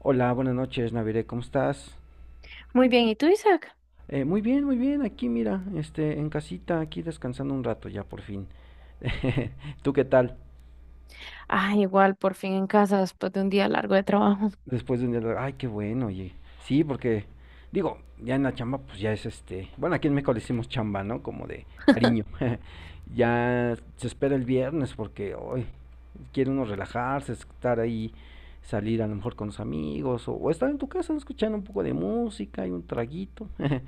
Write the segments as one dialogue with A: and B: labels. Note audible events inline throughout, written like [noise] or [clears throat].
A: Hola, buenas noches, Navire, ¿cómo estás?
B: Muy bien, ¿y tú, Isaac?
A: Muy bien, aquí mira, en casita, aquí descansando un rato ya por fin. [laughs] ¿Tú qué tal?
B: Ah, igual, por fin en casa después de un día largo de trabajo. [laughs]
A: Después de un día, ay, qué bueno, oye. Sí, porque, digo, ya en la chamba, pues ya es bueno, aquí en México le decimos chamba, ¿no? Como de cariño. [laughs] Ya se espera el viernes porque hoy quiere uno relajarse, estar ahí, salir a lo mejor con los amigos o estar en tu casa escuchando un poco de música y un traguito. [laughs]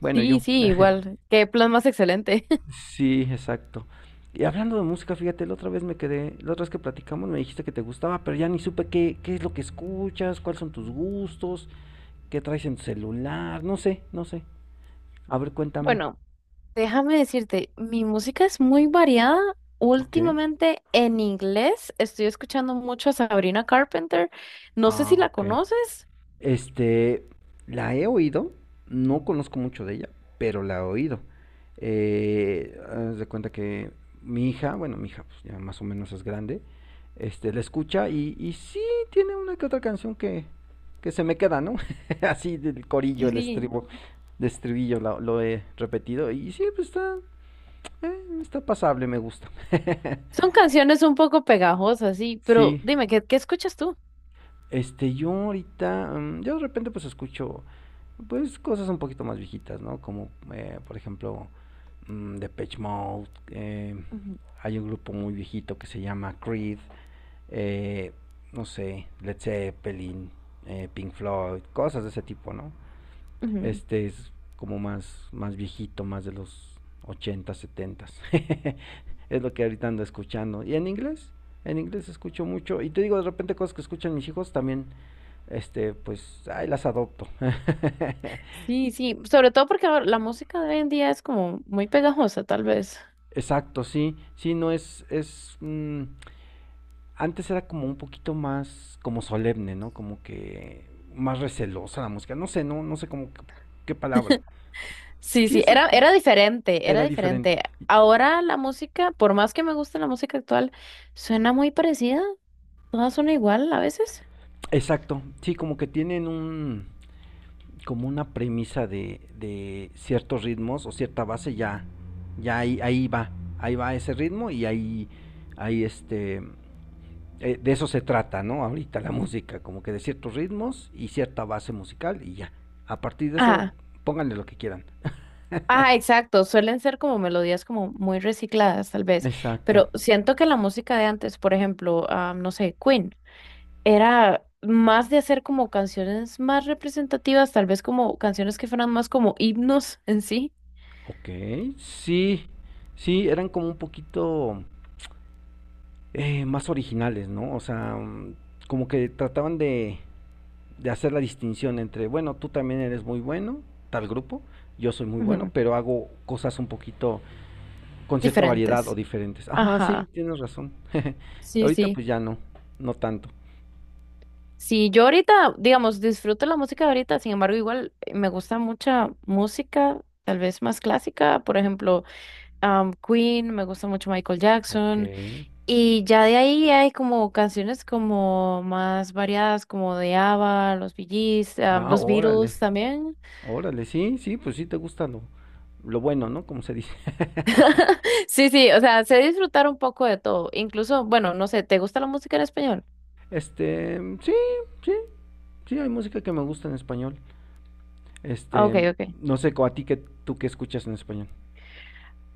A: Bueno,
B: Sí,
A: yo.
B: sí,
A: [laughs]
B: igual. Qué plan más excelente. [laughs]
A: Sí, exacto. Y hablando de música, fíjate, la otra vez que platicamos me dijiste que te gustaba, pero ya ni supe qué es lo que escuchas, cuáles son tus gustos, qué traes en tu celular, no sé, no sé. A ver, cuéntame.
B: Bueno, déjame decirte, mi música es muy variada.
A: Ok.
B: Últimamente en inglés estoy escuchando mucho a Sabrina Carpenter. No sé
A: Ah,
B: si la
A: ok.
B: conoces.
A: Este, la he oído, no conozco mucho de ella, pero la he oído. Haz de cuenta que mi hija, bueno, mi hija pues, ya más o menos es grande, la escucha y sí tiene una que otra canción que se me queda, ¿no? [laughs] Así del corillo,
B: Sí, sí.
A: de estribillo lo he repetido y sí, pues está pasable, me gusta. [laughs]
B: Son canciones un poco pegajosas, sí, pero
A: Sí,
B: dime, ¿qué, qué escuchas tú?
A: yo de repente pues escucho, pues cosas un poquito más viejitas, ¿no? Como, por ejemplo, Depeche Mode,
B: Ujú,
A: hay un grupo muy viejito que se llama Creed, eh, no sé, Led Zeppelin, Pink Floyd, cosas de ese tipo, ¿no?
B: ujú.
A: Este es como más, más viejito, más de los 80 70. [laughs] Es lo que ahorita ando escuchando. ¿Y en inglés? En inglés escucho mucho. Y te digo, de repente cosas que escuchan mis hijos también, pues, ay, las adopto. [laughs]
B: Sí, sí, sobre todo porque ahora la música de hoy en día es como muy pegajosa, tal vez.
A: Exacto, sí, sí, no antes era como un poquito más, como solemne, ¿no? Como que más recelosa la música, no sé, no, no sé cómo, qué palabra.
B: Sí,
A: Sí,
B: sí, era,
A: exacto,
B: era diferente, era
A: era diferente.
B: diferente. Ahora la música, por más que me guste la música actual, suena muy parecida, todas son igual a veces.
A: Exacto, sí, como que tienen un, como una premisa de ciertos ritmos o cierta base, ya, ya ahí, ahí va ese ritmo y ahí, ahí este, de eso se trata, ¿no? Ahorita la música, como que de ciertos ritmos y cierta base musical y ya. A partir de eso,
B: Ajá,
A: pónganle lo que quieran.
B: ajá, exacto, suelen ser como melodías como muy recicladas tal vez,
A: Exacto.
B: pero siento que la música de antes, por ejemplo, no sé, Queen, era más de hacer como canciones más representativas, tal vez como canciones que fueran más como himnos en sí,
A: Ok, sí, sí, eran como un poquito más originales, ¿no? O sea, como que trataban de hacer la distinción entre, bueno, tú también eres muy bueno, tal grupo, yo soy muy bueno,
B: ujú,
A: pero hago cosas un poquito con cierta variedad o
B: diferentes.
A: diferentes. Ajá, sí,
B: Ajá,
A: tienes razón. [laughs]
B: sí,
A: Ahorita
B: sí.
A: pues ya no, no tanto.
B: Sí, yo ahorita, digamos, disfruto la música de ahorita, sin embargo, igual me gusta mucha música, tal vez más clásica, por ejemplo, Queen, me gusta mucho Michael
A: Ok.
B: Jackson, y ya de ahí hay como canciones como más variadas, como de ABBA, los Bee Gees,
A: Ah,
B: los
A: órale.
B: Beatles también. [laughs]
A: Órale, sí, sí, pues sí te gusta lo bueno, ¿no? Como se dice. [laughs]
B: Sí, sí, o sea, sé disfrutar un poco de todo, incluso, bueno, no sé, ¿te gusta la música en español?
A: Sí, sí, sí, hay música que me gusta en español.
B: Ah, ok,
A: Este,
B: ok.
A: no sé, a ti, que tú que escuchas en español?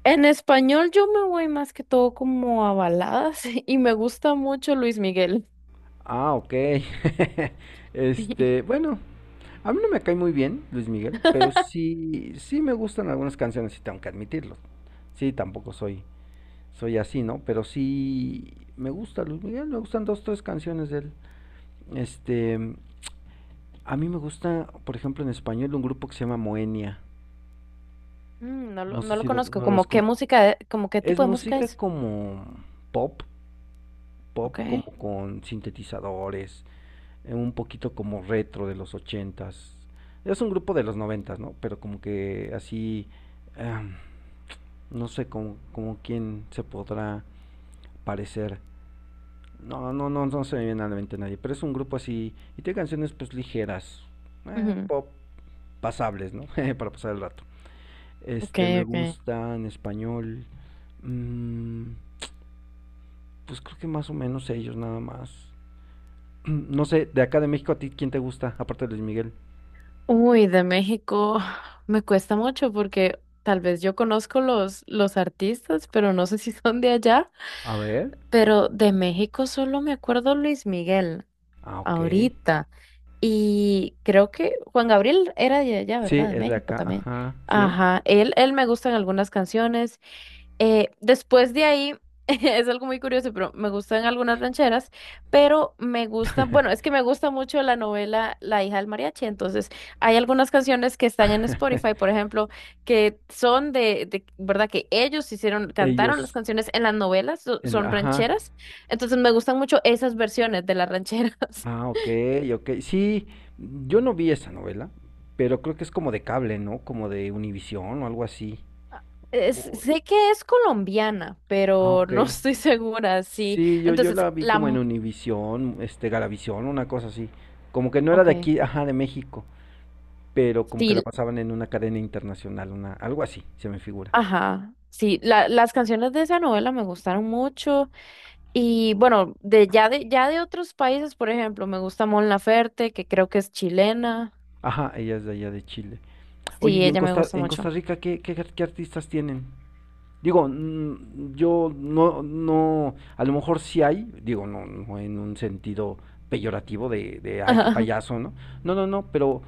B: En español yo me voy más que todo como a baladas [laughs] y me gusta mucho Luis Miguel.
A: Ah, ok. [laughs]
B: [laughs]
A: Bueno, a mí no me cae muy bien Luis Miguel, pero sí, sí me gustan algunas canciones, sí tengo que admitirlo. Sí, tampoco soy así, ¿no? Pero sí me gusta Luis Miguel, me gustan dos, tres canciones de él. Este, A mí me gusta, por ejemplo, en español un grupo que se llama Moenia.
B: Mm, no lo,
A: No sé
B: no lo
A: si
B: conozco.
A: no lo
B: ¿Como qué
A: escucho.
B: música, e- como qué
A: Es
B: tipo de música
A: música
B: es?
A: como pop, pop
B: Ok,
A: como con sintetizadores, un poquito como retro de los ochentas. Es un grupo de los noventas, ¿no? Pero como que así, ah, no sé como quién se podrá parecer. No, no, no, no se me viene a la mente nadie. Pero es un grupo así y tiene canciones pues ligeras,
B: ujú,
A: pop, pasables, ¿no? [laughs] Para pasar el rato.
B: ok,
A: Me
B: ok.
A: gusta en español. mm, pues creo que más o menos ellos nada más. [clears throat] No sé, de acá de México, a ti, ¿quién te gusta? Aparte de Luis Miguel.
B: Uy, de México [sighs] me cuesta mucho porque tal vez yo conozco los artistas, pero no sé si son de allá.
A: A ver.
B: Pero de México solo me acuerdo Luis Miguel
A: Ah, ok.
B: ahorita. Y creo que Juan Gabriel era de allá,
A: Sí,
B: ¿verdad? De
A: es de
B: México
A: acá.
B: también.
A: Ajá, sí.
B: Ajá, él me gustan algunas canciones. Después de ahí, [laughs] es algo muy curioso, pero me gustan algunas rancheras, pero me gusta, bueno, es que me gusta mucho la novela La hija del mariachi, entonces hay algunas canciones que están en
A: [laughs]
B: Spotify, por ejemplo, que son de, ¿verdad? Que ellos hicieron, cantaron las
A: Ellos.
B: canciones en las novelas, so-
A: En,
B: son
A: ajá.
B: rancheras, entonces me gustan mucho esas versiones de las rancheras.
A: Ah, ok, ok. Sí, yo no vi esa novela, pero creo que es como de cable, ¿no? Como de Univisión o algo así.
B: [laughs] Es-
A: O-
B: sé que es colombiana,
A: ah,
B: pero
A: ok.
B: no estoy [laughs] segura, sí.
A: Sí, yo
B: Entonces,
A: la vi
B: la...
A: como en
B: mu-
A: Univisión, Galavisión, una cosa así. Como que no era de
B: Ok,
A: aquí, ajá, de México, pero como que la
B: sí.
A: pasaban en una cadena internacional, una, algo así, se me figura.
B: Ajá, sí, la- las canciones de esa novela me gustaron mucho y bueno, de ya de otros países, por ejemplo, me gusta Mon Laferte, que creo que es chilena.
A: Ajá, ella es de allá de Chile. Oye,
B: Sí,
A: ¿y en
B: ella me
A: Costa,
B: gusta mucho. [laughs]
A: Rica qué artistas tienen? Digo, yo no, no, a lo mejor sí hay, digo, no, no en un sentido peyorativo ay, qué
B: Ajá,
A: payaso, ¿no? No, no, no, pero,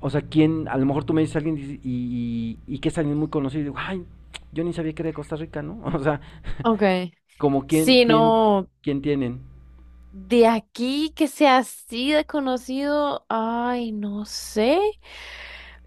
A: o sea, ¿quién? A lo mejor tú me dices a alguien y que es alguien muy conocido y digo, ay, yo ni sabía que era de Costa Rica, ¿no? [laughs] O sea,
B: okay.
A: como
B: Sí, no,
A: quién tienen.
B: de aquí que sea así de conocido, ay, no sé.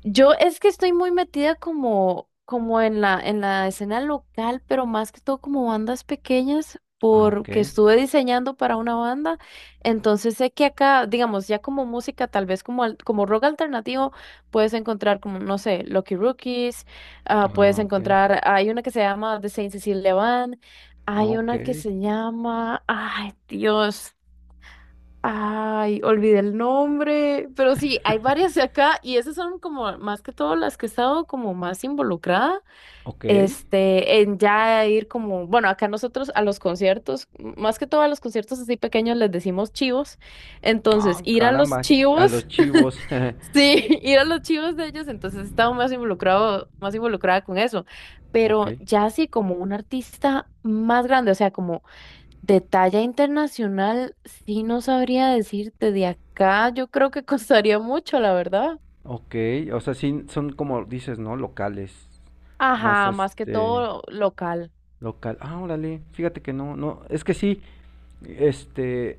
B: Yo es que estoy muy metida como, como en la escena local, pero más que todo como bandas pequeñas,
A: Ah, ok.
B: porque estuve diseñando para una banda. Entonces sé que acá, digamos, ya como música, tal vez como, al- como rock alternativo, puedes encontrar como, no sé, Lucky Rookies, ah, puedes
A: Ah, ok.
B: encontrar, hay una que se llama The Saint Cecilia Band,
A: Ah,
B: hay
A: ok.
B: una que se llama, ay Dios. Ay, olvidé el nombre, pero sí, hay varias de acá y esas son como más que todo las que he estado como más involucrada,
A: Ok.
B: este, en ya ir como, bueno, acá nosotros a los conciertos, m- más que todo a los conciertos así pequeños les decimos chivos, entonces
A: Ah,
B: ir a los
A: caramba. A
B: chivos,
A: los chivos.
B: [laughs] sí, ir a los chivos de ellos, entonces he estado más involucrado, más involucrada con eso,
A: [laughs]
B: pero
A: Ok.
B: ya así como un artista más grande, o sea, como de talla internacional, sí no sabría decirte de acá, yo creo que [laughs] costaría mucho, la verdad.
A: Ok. O sea, sí, son como dices, ¿no? Locales. Más
B: Ajá, más que todo local.
A: Local. Ah, órale. Fíjate que no, no. Es que sí. Este.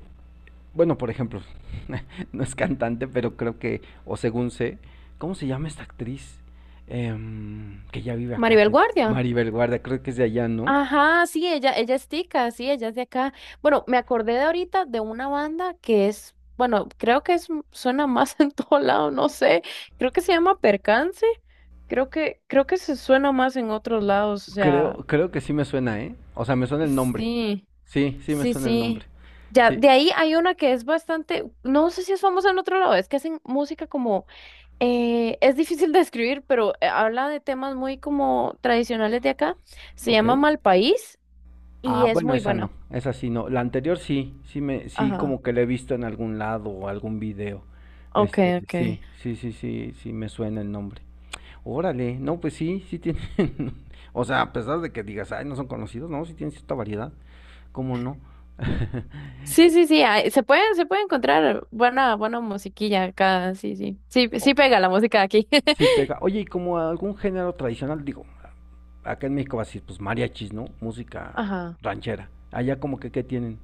A: Bueno, por ejemplo, [laughs] no es cantante, pero creo que, o según sé, ¿cómo se llama esta actriz? Que ya vive acá,
B: Maribel Guardia.
A: Maribel Guardia, creo que es de allá, ¿no?
B: Ajá, sí, ella es tica, sí, ella es de acá. Bueno, me acordé de ahorita de una banda que es, bueno, creo que es, suena más [laughs] en todo lado, no sé, creo que se llama Percance, creo que se suena más en otros lados, o sea,
A: Creo que sí me suena, ¿eh? O sea, me suena el nombre.
B: sí.
A: Sí, sí me
B: Sí,
A: suena el nombre.
B: sí. Ya,
A: Sí,
B: de ahí hay una que es bastante, no sé si es famosa en otro lado, es que hacen música como, es difícil [laughs] de escribir, pero habla de temas muy como tradicionales de acá. Se
A: ok.
B: llama Mal País
A: Ah,
B: y es
A: bueno,
B: muy
A: esa no,
B: buena.
A: esa sí no. La anterior sí, sí me, sí
B: Ajá.
A: como que la he visto en algún lado o algún video.
B: Ok, ok.
A: Sí, sí, sí, sí, sí me suena el nombre. Órale, no, pues sí, sí tienen, [laughs] o sea, a pesar de que digas, ay, no son conocidos, no, sí tienen cierta variedad, ¿cómo no? [laughs]
B: Sí, sí, sí, ah, se puede encontrar buena, buena musiquilla acá, sí, sí. Sí,
A: Oh,
B: sí pega la música de aquí.
A: sí
B: [laughs]
A: pega. Oye, y como algún género tradicional, digo, acá en México va a decir, pues mariachis, ¿no? Música
B: Ajá.
A: ranchera. Allá, como que, ¿qué tienen?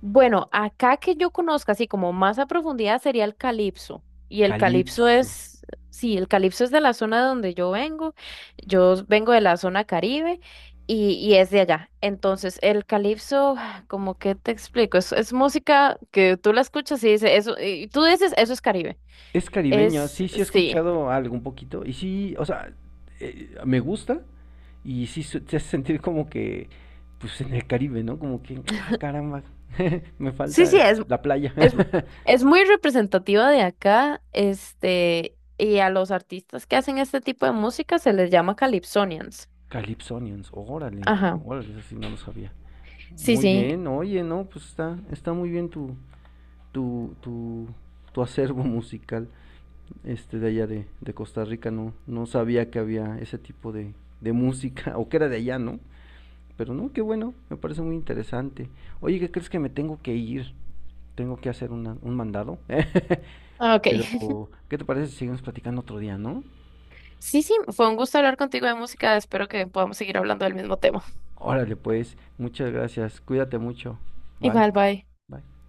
B: Bueno, acá que yo conozca así como más a profundidad sería el calipso. Y el calipso
A: Calipso.
B: es, sí, el calipso es de la zona de donde yo vengo. Yo vengo de la zona Caribe y es de allá. Entonces, el calipso, [sighs] como que te explico, es música que tú la escuchas y dices, eso, y tú dices, eso es Caribe.
A: Es caribeño,
B: Es,
A: sí, sí he
B: sí.
A: escuchado algo un poquito, y sí, o sea, me gusta, y sí te hace sentir como que, pues en el Caribe, ¿no? Como que, ah, caramba, [laughs] me
B: Sí, sí,
A: falta la playa.
B: es,
A: [laughs]
B: es muy representativa de acá, este, y a los artistas que hacen este tipo de música se les llama calypsonians.
A: Calypsonians, órale,
B: Ajá.
A: órale, eso sí no lo sabía.
B: Sí,
A: Muy
B: sí.
A: bien, oye, no, pues está muy bien tu, tu, tu, tu, acervo musical, de allá de Costa Rica, no, no sabía que había ese tipo de música, [laughs] o que era de allá, ¿no? Pero no, qué bueno, me parece muy interesante. Oye, ¿qué crees? Que me tengo que ir. Tengo que hacer un mandado. [laughs]
B: Ah, ok. [laughs]
A: Pero, ¿qué te parece si seguimos platicando otro día, no?
B: Sí, sí, fue un gusto hablar contigo de música. Espero que podamos seguir hablando del mismo tema.
A: Órale, pues, muchas gracias, cuídate mucho. Bye,
B: Igual, bye.
A: bye.